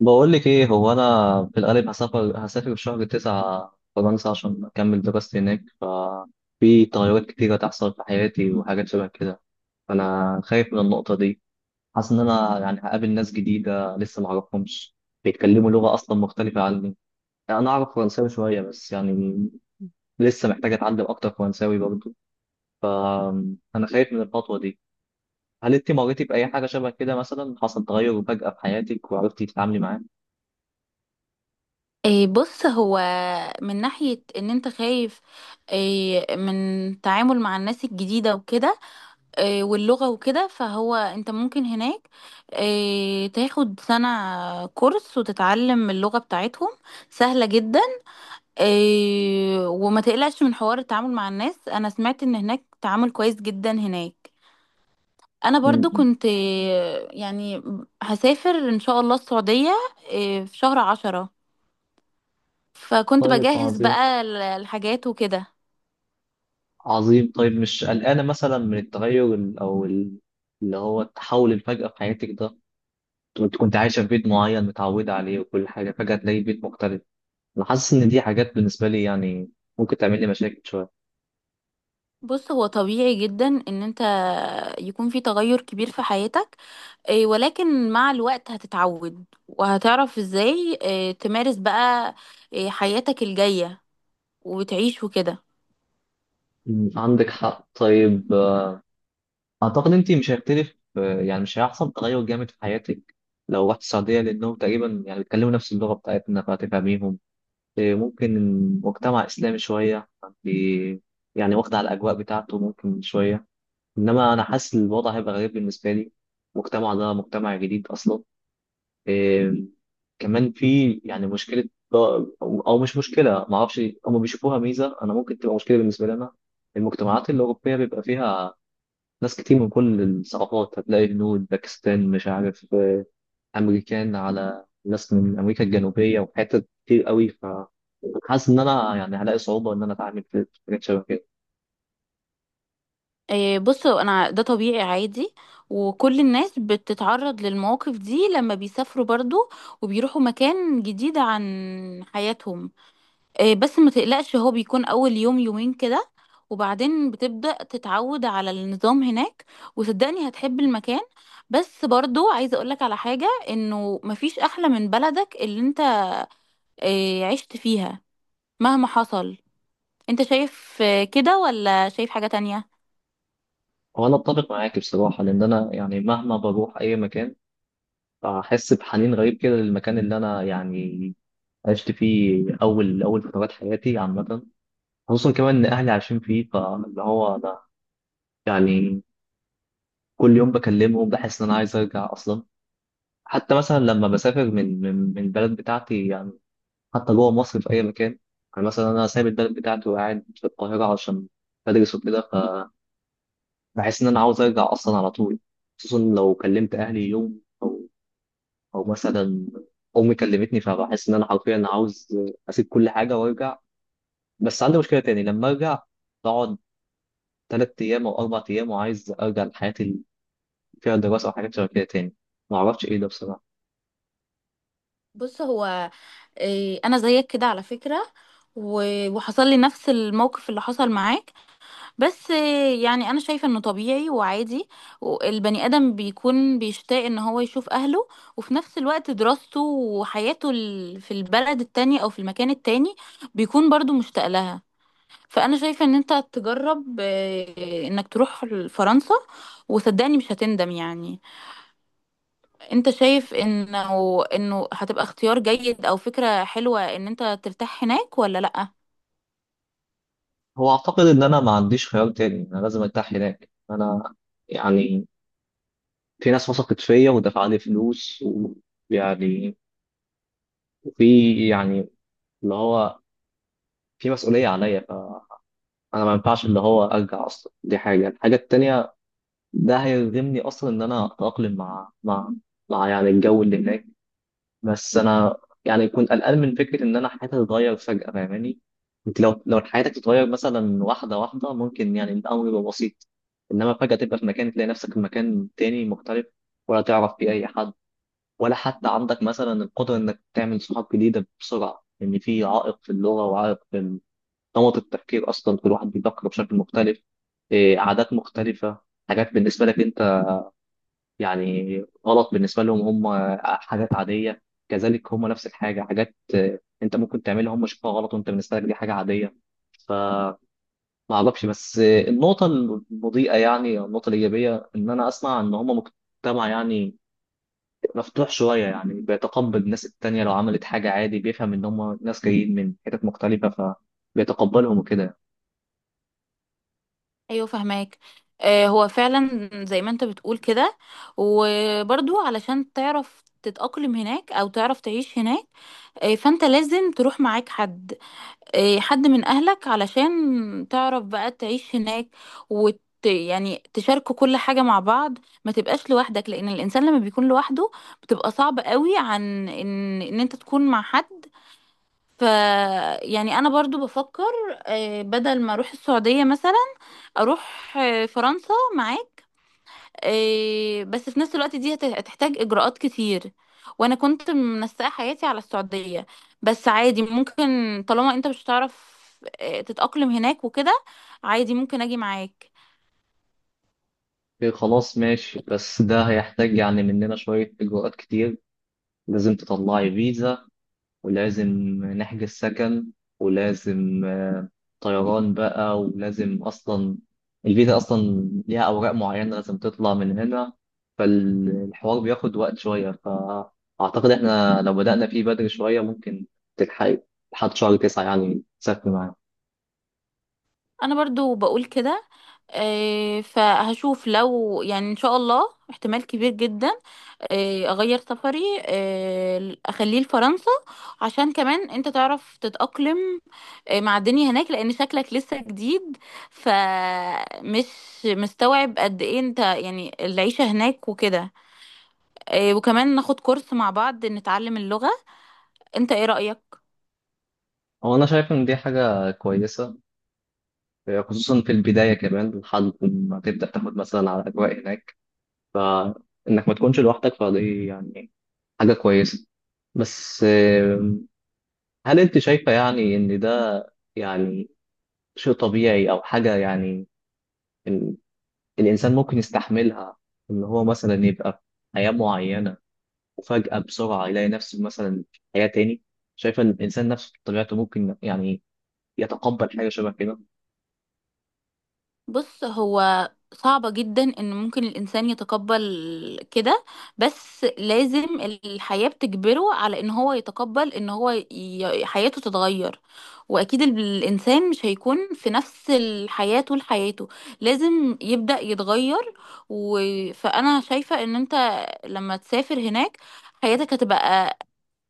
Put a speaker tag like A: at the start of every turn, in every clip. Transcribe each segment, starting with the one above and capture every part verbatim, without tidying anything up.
A: بقول لك ايه؟ هو انا في الغالب هسافر هسافر في شهر تسعة فرنسا عشان اكمل دراستي هناك. ففي تغيرات كتيرة تحصل في حياتي وحاجات شبه كده، فانا خايف من النقطة دي. حاسس ان انا يعني هقابل ناس جديدة لسه ما اعرفهمش، بيتكلموا لغة اصلا مختلفة عني. انا اعرف فرنساوي شوية بس يعني لسه محتاج اتعلم اكتر فرنساوي برضه. أم، انا خايف من الخطوة دي. هل انت مريتي بأي حاجة شبه كده، مثلا حصل تغير فجأة في حياتك وعرفتي تتعاملي معاه؟
B: إيه، بص. هو من ناحية ان انت خايف، إيه، من تعامل مع الناس الجديدة وكده. إيه، واللغة وكده. فهو انت ممكن هناك، إيه، تاخد سنة كورس وتتعلم اللغة بتاعتهم. سهلة جدا. إيه، وما تقلقش من حوار التعامل مع الناس. انا سمعت ان هناك تعامل كويس جدا هناك. انا
A: م-
B: برضو
A: م.
B: كنت إيه، يعني هسافر ان شاء الله السعودية، إيه، في شهر عشرة. فكنت
A: طيب،
B: بجهز
A: عظيم.
B: بقى ال- الحاجات وكده.
A: عظيم. طيب، مش قلقانة مثلا من التغير ال- أو ال- اللي هو التحول الفجأة في حياتك ده؟ كنت كنت عايشة في بيت معين متعودة عليه، وكل حاجة فجأة تلاقي بيت مختلف. أنا حاسس إن دي حاجات بالنسبة لي يعني ممكن تعمل لي مشاكل شوية.
B: بص، هو طبيعي جدا ان انت يكون في تغير كبير في حياتك، إيه، ولكن مع الوقت هتتعود وهتعرف ازاي، إيه، تمارس بقى، إيه، حياتك الجاية وتعيش وكده.
A: أمم، عندك حق. طيب، آه، أعتقد أنت مش هيختلف، آه، يعني مش هيحصل تغير جامد في حياتك لو رحت السعودية، لأنهم تقريبا يعني بيتكلموا نفس اللغة بتاعتنا فهتفهميهم. آه، ممكن مجتمع إسلامي شوية، فأنت يعني واخدة على الأجواء بتاعته ممكن شوية. انما انا حاسس الوضع هيبقى غريب بالنسبه لي. المجتمع ده مجتمع جديد اصلا. إيه. كمان في يعني مشكله او أو مش مشكله ما اعرفش، هم بيشوفوها ميزه، انا ممكن تبقى مشكله بالنسبه لنا. المجتمعات الاوروبيه بيبقى فيها ناس كتير من كل الثقافات، هتلاقي هنود، باكستان، مش عارف، آه، امريكان، على ناس من امريكا الجنوبيه وحتت كتير قوي. ف حاسس ان انا يعني هلاقي صعوبه ان انا اتعامل في في حاجات شبه كده.
B: إيه، بص انا ده طبيعي عادي، وكل الناس بتتعرض للمواقف دي لما بيسافروا برضو، وبيروحوا مكان جديد عن حياتهم. آه، بس ما تقلقش، هو بيكون اول يوم يومين كده، وبعدين بتبدأ تتعود على النظام هناك. وصدقني هتحب المكان. بس برضو عايزة اقولك على حاجة، انه مفيش احلى من بلدك اللي انت آه، عشت فيها مهما حصل. انت شايف آه، كده، ولا شايف حاجة تانية؟
A: هو انا اتفق معاك بصراحه، لان انا يعني مهما بروح اي مكان فأحس بحنين غريب كده للمكان اللي أنا يعني عشت فيه أول أول فترات حياتي عامة. خصوصا كمان إن أهلي عايشين فيه، فاللي هو أنا يعني كل يوم بكلمهم بحس إن أنا عايز أرجع أصلا. حتى مثلا لما بسافر من من من البلد بتاعتي يعني، حتى جوه مصر في أي مكان، يعني مثلا أنا سايب البلد بتاعتي وقاعد في القاهرة عشان بدرس وكده، فبحس إن أنا عاوز أرجع أصلا على طول. خصوصا لو كلمت أهلي يوم، او مثلا امي كلمتني، فبحس ان انا حرفيا عاوز اسيب كل حاجه وارجع. بس عندي مشكله تاني لما ارجع، بقعد ثلاث ايام او اربع ايام وعايز ارجع لحياتي اللي فيها دراسه او حاجات شبه كده تاني. ما اعرفش ايه ده بصراحه.
B: بص هو، آه، انا زيك كده على فكرة. و- وحصل لي نفس الموقف اللي حصل معاك. بس يعني انا شايفه انه طبيعي وعادي. البني ادم بيكون بيشتاق ان هو يشوف اهله، وفي نفس الوقت دراسته وحياته ال- في البلد التانية او في المكان التاني بيكون برضو مشتاق لها. فانا شايفه ان انت تجرب، آه، انك تروح فرنسا. وصدقني مش هتندم يعني. انت شايف انه انه هتبقى اختيار جيد او فكره حلوه ان انت ترتاح هناك ولا لا؟
A: هو اعتقد ان انا ما عنديش خيار تاني، انا لازم ارتاح هناك. انا يعني في ناس وثقت فيا ودفع لي فلوس، ويعني، وفي يعني اللي هو في مسؤوليه عليا، فانا ما ينفعش اللي هو ارجع اصلا. دي حاجه. الحاجه التانيه، ده هيلزمني اصلا ان انا اتاقلم مع مع مع يعني الجو اللي هناك. بس انا يعني كنت قلقان من فكره ان انا حياتي تتغير فجاه. فاهماني؟ انت لو لو حياتك تتغير مثلا واحده واحده ممكن يعني الامر يبقى بسيط، انما فجاه تبقى في مكان، تلاقي نفسك في مكان تاني مختلف، ولا تعرف فيه اي حد، ولا حتى عندك مثلا القدره انك تعمل صحاب جديده بسرعه، لان في عائق في اللغه وعائق في نمط التفكير. اصلا كل واحد بيفكر بشكل مختلف. إيه، عادات مختلفه. حاجات بالنسبه لك انت يعني غلط بالنسبة لهم، هم حاجات عادية. كذلك هم نفس الحاجة، حاجات آه، انت ممكن تعملها هم شايفها غلط، وانت بالنسبة لك دي حاجة عادية. فما اعرفش، بس آه، النقطة المضيئة يعني أو النقطة الإيجابية ان انا اسمع ان هم مجتمع يعني مفتوح شوية، يعني بيتقبل الناس التانية. لو عملت حاجة عادي بيفهم ان هم ناس جايين من حتت مختلفة، فبيتقبلهم وكده.
B: ايوه، فهماك. آه هو فعلا زي ما انت بتقول كده. وبرضو علشان تعرف تتأقلم هناك او تعرف تعيش هناك، آه فانت لازم تروح معاك حد، آه حد من اهلك علشان تعرف بقى تعيش هناك. وت يعني تشاركوا كل حاجة مع بعض. ما تبقاش لوحدك، لان الانسان لما بيكون لوحده بتبقى صعب قوي عن ان ان انت تكون مع حد. ف يعني انا برضو بفكر، آه بدل ما اروح السعودية مثلا اروح، آه، فرنسا معاك. آه، بس في نفس الوقت دي هت- هتحتاج اجراءات كتير. وانا كنت منسقه حياتي على السعوديه. بس عادي ممكن، طالما انت مش هتعرف، آه، تتاقلم هناك وكده، عادي ممكن اجي معاك.
A: إيه، خلاص ماشي. بس ده هيحتاج يعني مننا شوية إجراءات كتير. لازم تطلعي فيزا، ولازم نحجز سكن، ولازم آه، طيران بقى، ولازم أصلا الفيزا أصلا ليها أوراق معينة لازم تطلع من هنا. فالحوار بياخد وقت شوية، فأعتقد إحنا لو بدأنا فيه بدري شوية ممكن تلحق لحد شهر تسعة يعني تسافر معانا.
B: انا برضو بقول كده. آه، فهشوف لو يعني ان شاء الله احتمال كبير جدا آه، اغير سفري، آه، اخليه لفرنسا، عشان كمان انت تعرف تتأقلم آه، مع الدنيا هناك، لان شكلك لسه جديد، فمش مستوعب قد ايه انت يعني العيشة هناك وكده. آه، وكمان ناخد كورس مع بعض نتعلم اللغة. انت ايه رأيك؟
A: هو أنا شايف إن دي حاجة كويسة، خصوصا في البداية، كمان لحد ما تبدأ تاخد مثلا على الأجواء هناك، فإنك ما تكونش لوحدك. فدي يعني حاجة كويسة. بس هل انت شايفة يعني ان ده يعني شيء طبيعي او حاجة يعني ال... الانسان ممكن يستحملها؟ ان هو مثلا يبقى في حياة معينة، وفجأة بسرعة يلاقي نفسه مثلا في حياة تاني. شايفة ان الانسان نفسه بطبيعته ممكن يعني يتقبل حاجة شبه كده؟
B: بص هو صعبة جدا ان ممكن الانسان يتقبل كده، بس لازم الحياة بتجبره على ان هو يتقبل ان هو ي... حياته تتغير. واكيد ال- الانسان مش هيكون في نفس الحياة طول حياته، لازم يبدأ يتغير. و... فانا شايفة ان انت لما تسافر هناك حياتك هتبقى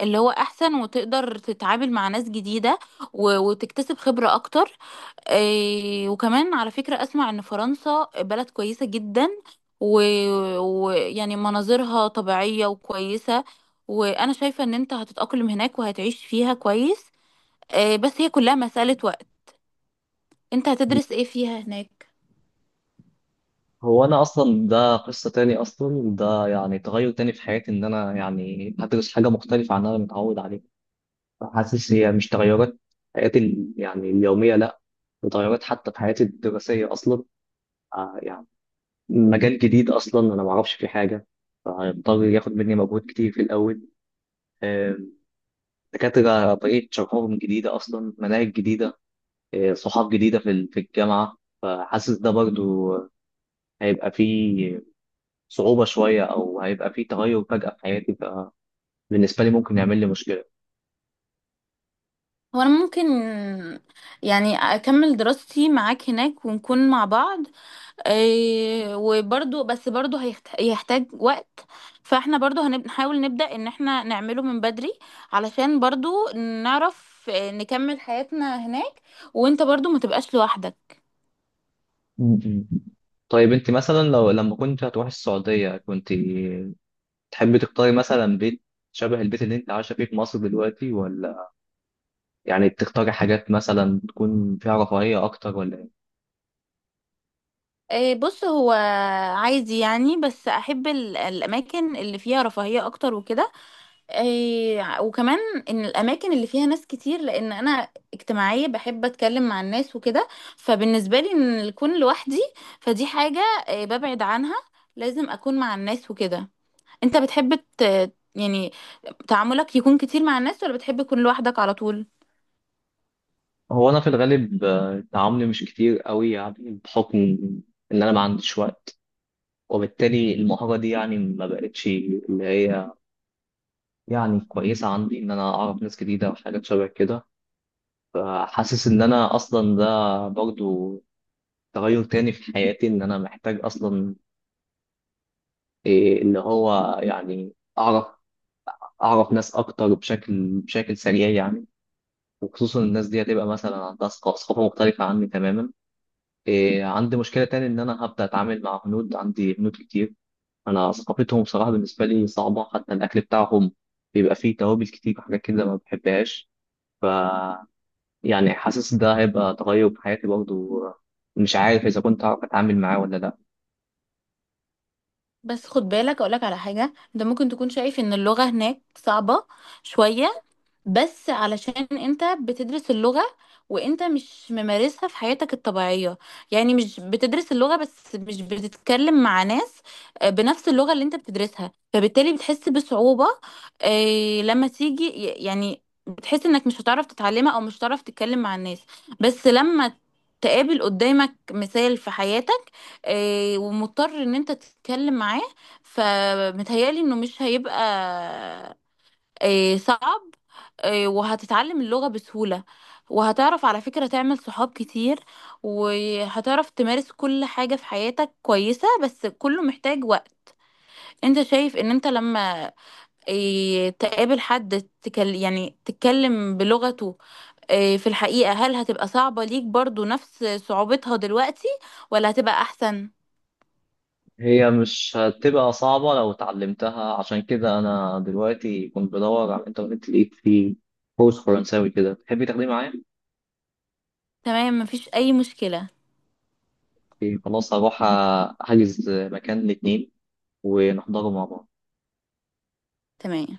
B: اللي هو احسن، وتقدر تتعامل مع ناس جديدة و... وتكتسب خبرة اكتر. إيه، وكمان على فكرة أسمع إن فرنسا بلد كويسة جدا، ويعني و... و- يعني مناظرها طبيعية وكويسة. وأنا شايفة إن أنت هتتأقلم هناك وهتعيش فيها كويس. إيه، بس هي كلها مسألة وقت. أنت هتدرس إيه فيها هناك؟
A: هو انا اصلا ده قصة تاني اصلا. ده يعني تغير تاني في حياتي، ان انا يعني هدرس حاجة مختلفة عن اللي انا متعود عليه. حاسس هي مش تغيرات حياتي ال- يعني اليومية لا، تغيرات حتى في حياتي الدراسية اصلا. آه، يعني مجال جديد اصلا انا ما اعرفش فيه حاجه، فهيضطر ياخد مني مجهود كتير في الاول. آه، دكاتره طريقه شرحهم جديده اصلا، مناهج جديده، آه، صحاب جديده في ال- في الجامعه. فحاسس ده برضو هيبقى فيه صعوبه شويه او هيبقى فيه تغير فجاه في حياتي، فبالنسبه لي ممكن يعمل لي مشكله.
B: وأنا ممكن يعني أكمل دراستي معاك هناك ونكون مع بعض، إيه، وبرضو بس برضو هيحت- هيحتاج وقت. فاحنا برضو هنحاول نبدأ ان احنا نعمله من بدري، علشان برضو نعرف، آه، نكمل حياتنا هناك وانت برضو ما تبقاش لوحدك.
A: م-م. طيب، انت مثلا لو لما كنت هتروحي السعوديه، كنت تحبي تختاري مثلا بيت شبه البيت اللي انت عايشه فيه في مصر دلوقتي، ولا يعني بتختاري حاجات مثلا تكون فيها رفاهية أكتر، ولا إيه؟
B: آه، بص هو عايز يعني، بس احب ال- الاماكن اللي فيها رفاهية اكتر وكده. إيه، وكمان ان الاماكن اللي فيها ناس كتير، لان انا اجتماعيه، بحب اتكلم مع الناس وكده. فبالنسبه لي ان الكون لوحدي فدي حاجه، إيه، ببعد عنها. لازم اكون مع الناس وكده. انت بتحب ت- يعني تعاملك يكون كتير مع الناس، ولا بتحب تكون لوحدك على طول؟
A: هو أنا في الغالب آه، تعاملي مش كتير قوي، يعني بحكم إن أنا ما عنديش وقت، وبالتالي المهارة دي يعني ما بقتش اللي هي يعني كويسة عندي. إن أنا أعرف ناس جديدة وحاجات شبه كده، فحاسس إن أنا أصلا ده برضو تغير تاني في حياتي. إن أنا محتاج أصلا إيه اللي هو يعني أعرف أعرف ناس أكتر بشكل بشكل سريع يعني. وخصوصا الناس دي هتبقى مثلا عندها ثق- ثقافة مختلفة عني تماما. إيه، عندي مشكلة تاني إن أنا هبدأ أتعامل مع هنود، عندي هنود كتير، أنا ثقافتهم بصراحة بالنسبة لي صعبة، حتى الأكل بتاعهم بيبقى فيه توابل كتير وحاجات كده ما بحبهاش. ف يعني حاسس ده هيبقى تغير في حياتي برضه، مش عارف إذا كنت هعرف أتعامل معاه ولا لأ.
B: بس خد بالك اقولك على حاجه. انت ممكن تكون شايف ان اللغه هناك صعبه شويه، بس علشان انت بتدرس اللغة وانت مش ممارسها في حياتك الطبيعية. يعني مش بتدرس اللغة بس مش بتتكلم مع ناس آه، بنفس اللغة اللي انت بتدرسها، فبالتالي بتحس بصعوبة، آه، لما تيجي ي- يعني بتحس انك مش هتعرف تتعلمها او مش هتعرف تتكلم مع الناس. بس لما تقابل قدامك مثال في حياتك، آه، ومضطر ان انت تتكلم معاه، فمتهيألي انه مش هيبقى آه، صعب، آه، وهتتعلم اللغة بسهولة. وهتعرف على فكرة تعمل صحاب كتير، وهتعرف تمارس كل حاجة في حياتك كويسة، بس كله محتاج وقت. انت شايف ان انت لما آه، تقابل حد تكل يعني تتكلم بلغته، آه، في الحقيقة هل هتبقى صعبة ليك برضو نفس صعوبتها دلوقتي، ولا هتبقى احسن؟
A: هي مش هتبقى صعبة لو اتعلمتها، عشان كده أنا دلوقتي كنت بدور على الإنترنت، لقيت فيه كورس فرنساوي كده. تحبي تاخديه معايا؟
B: تمام، مفيش اي مشكلة.
A: إيه، خلاص. هروح أحجز مكان الاتنين، ونحضره مع بعض.
B: تمام.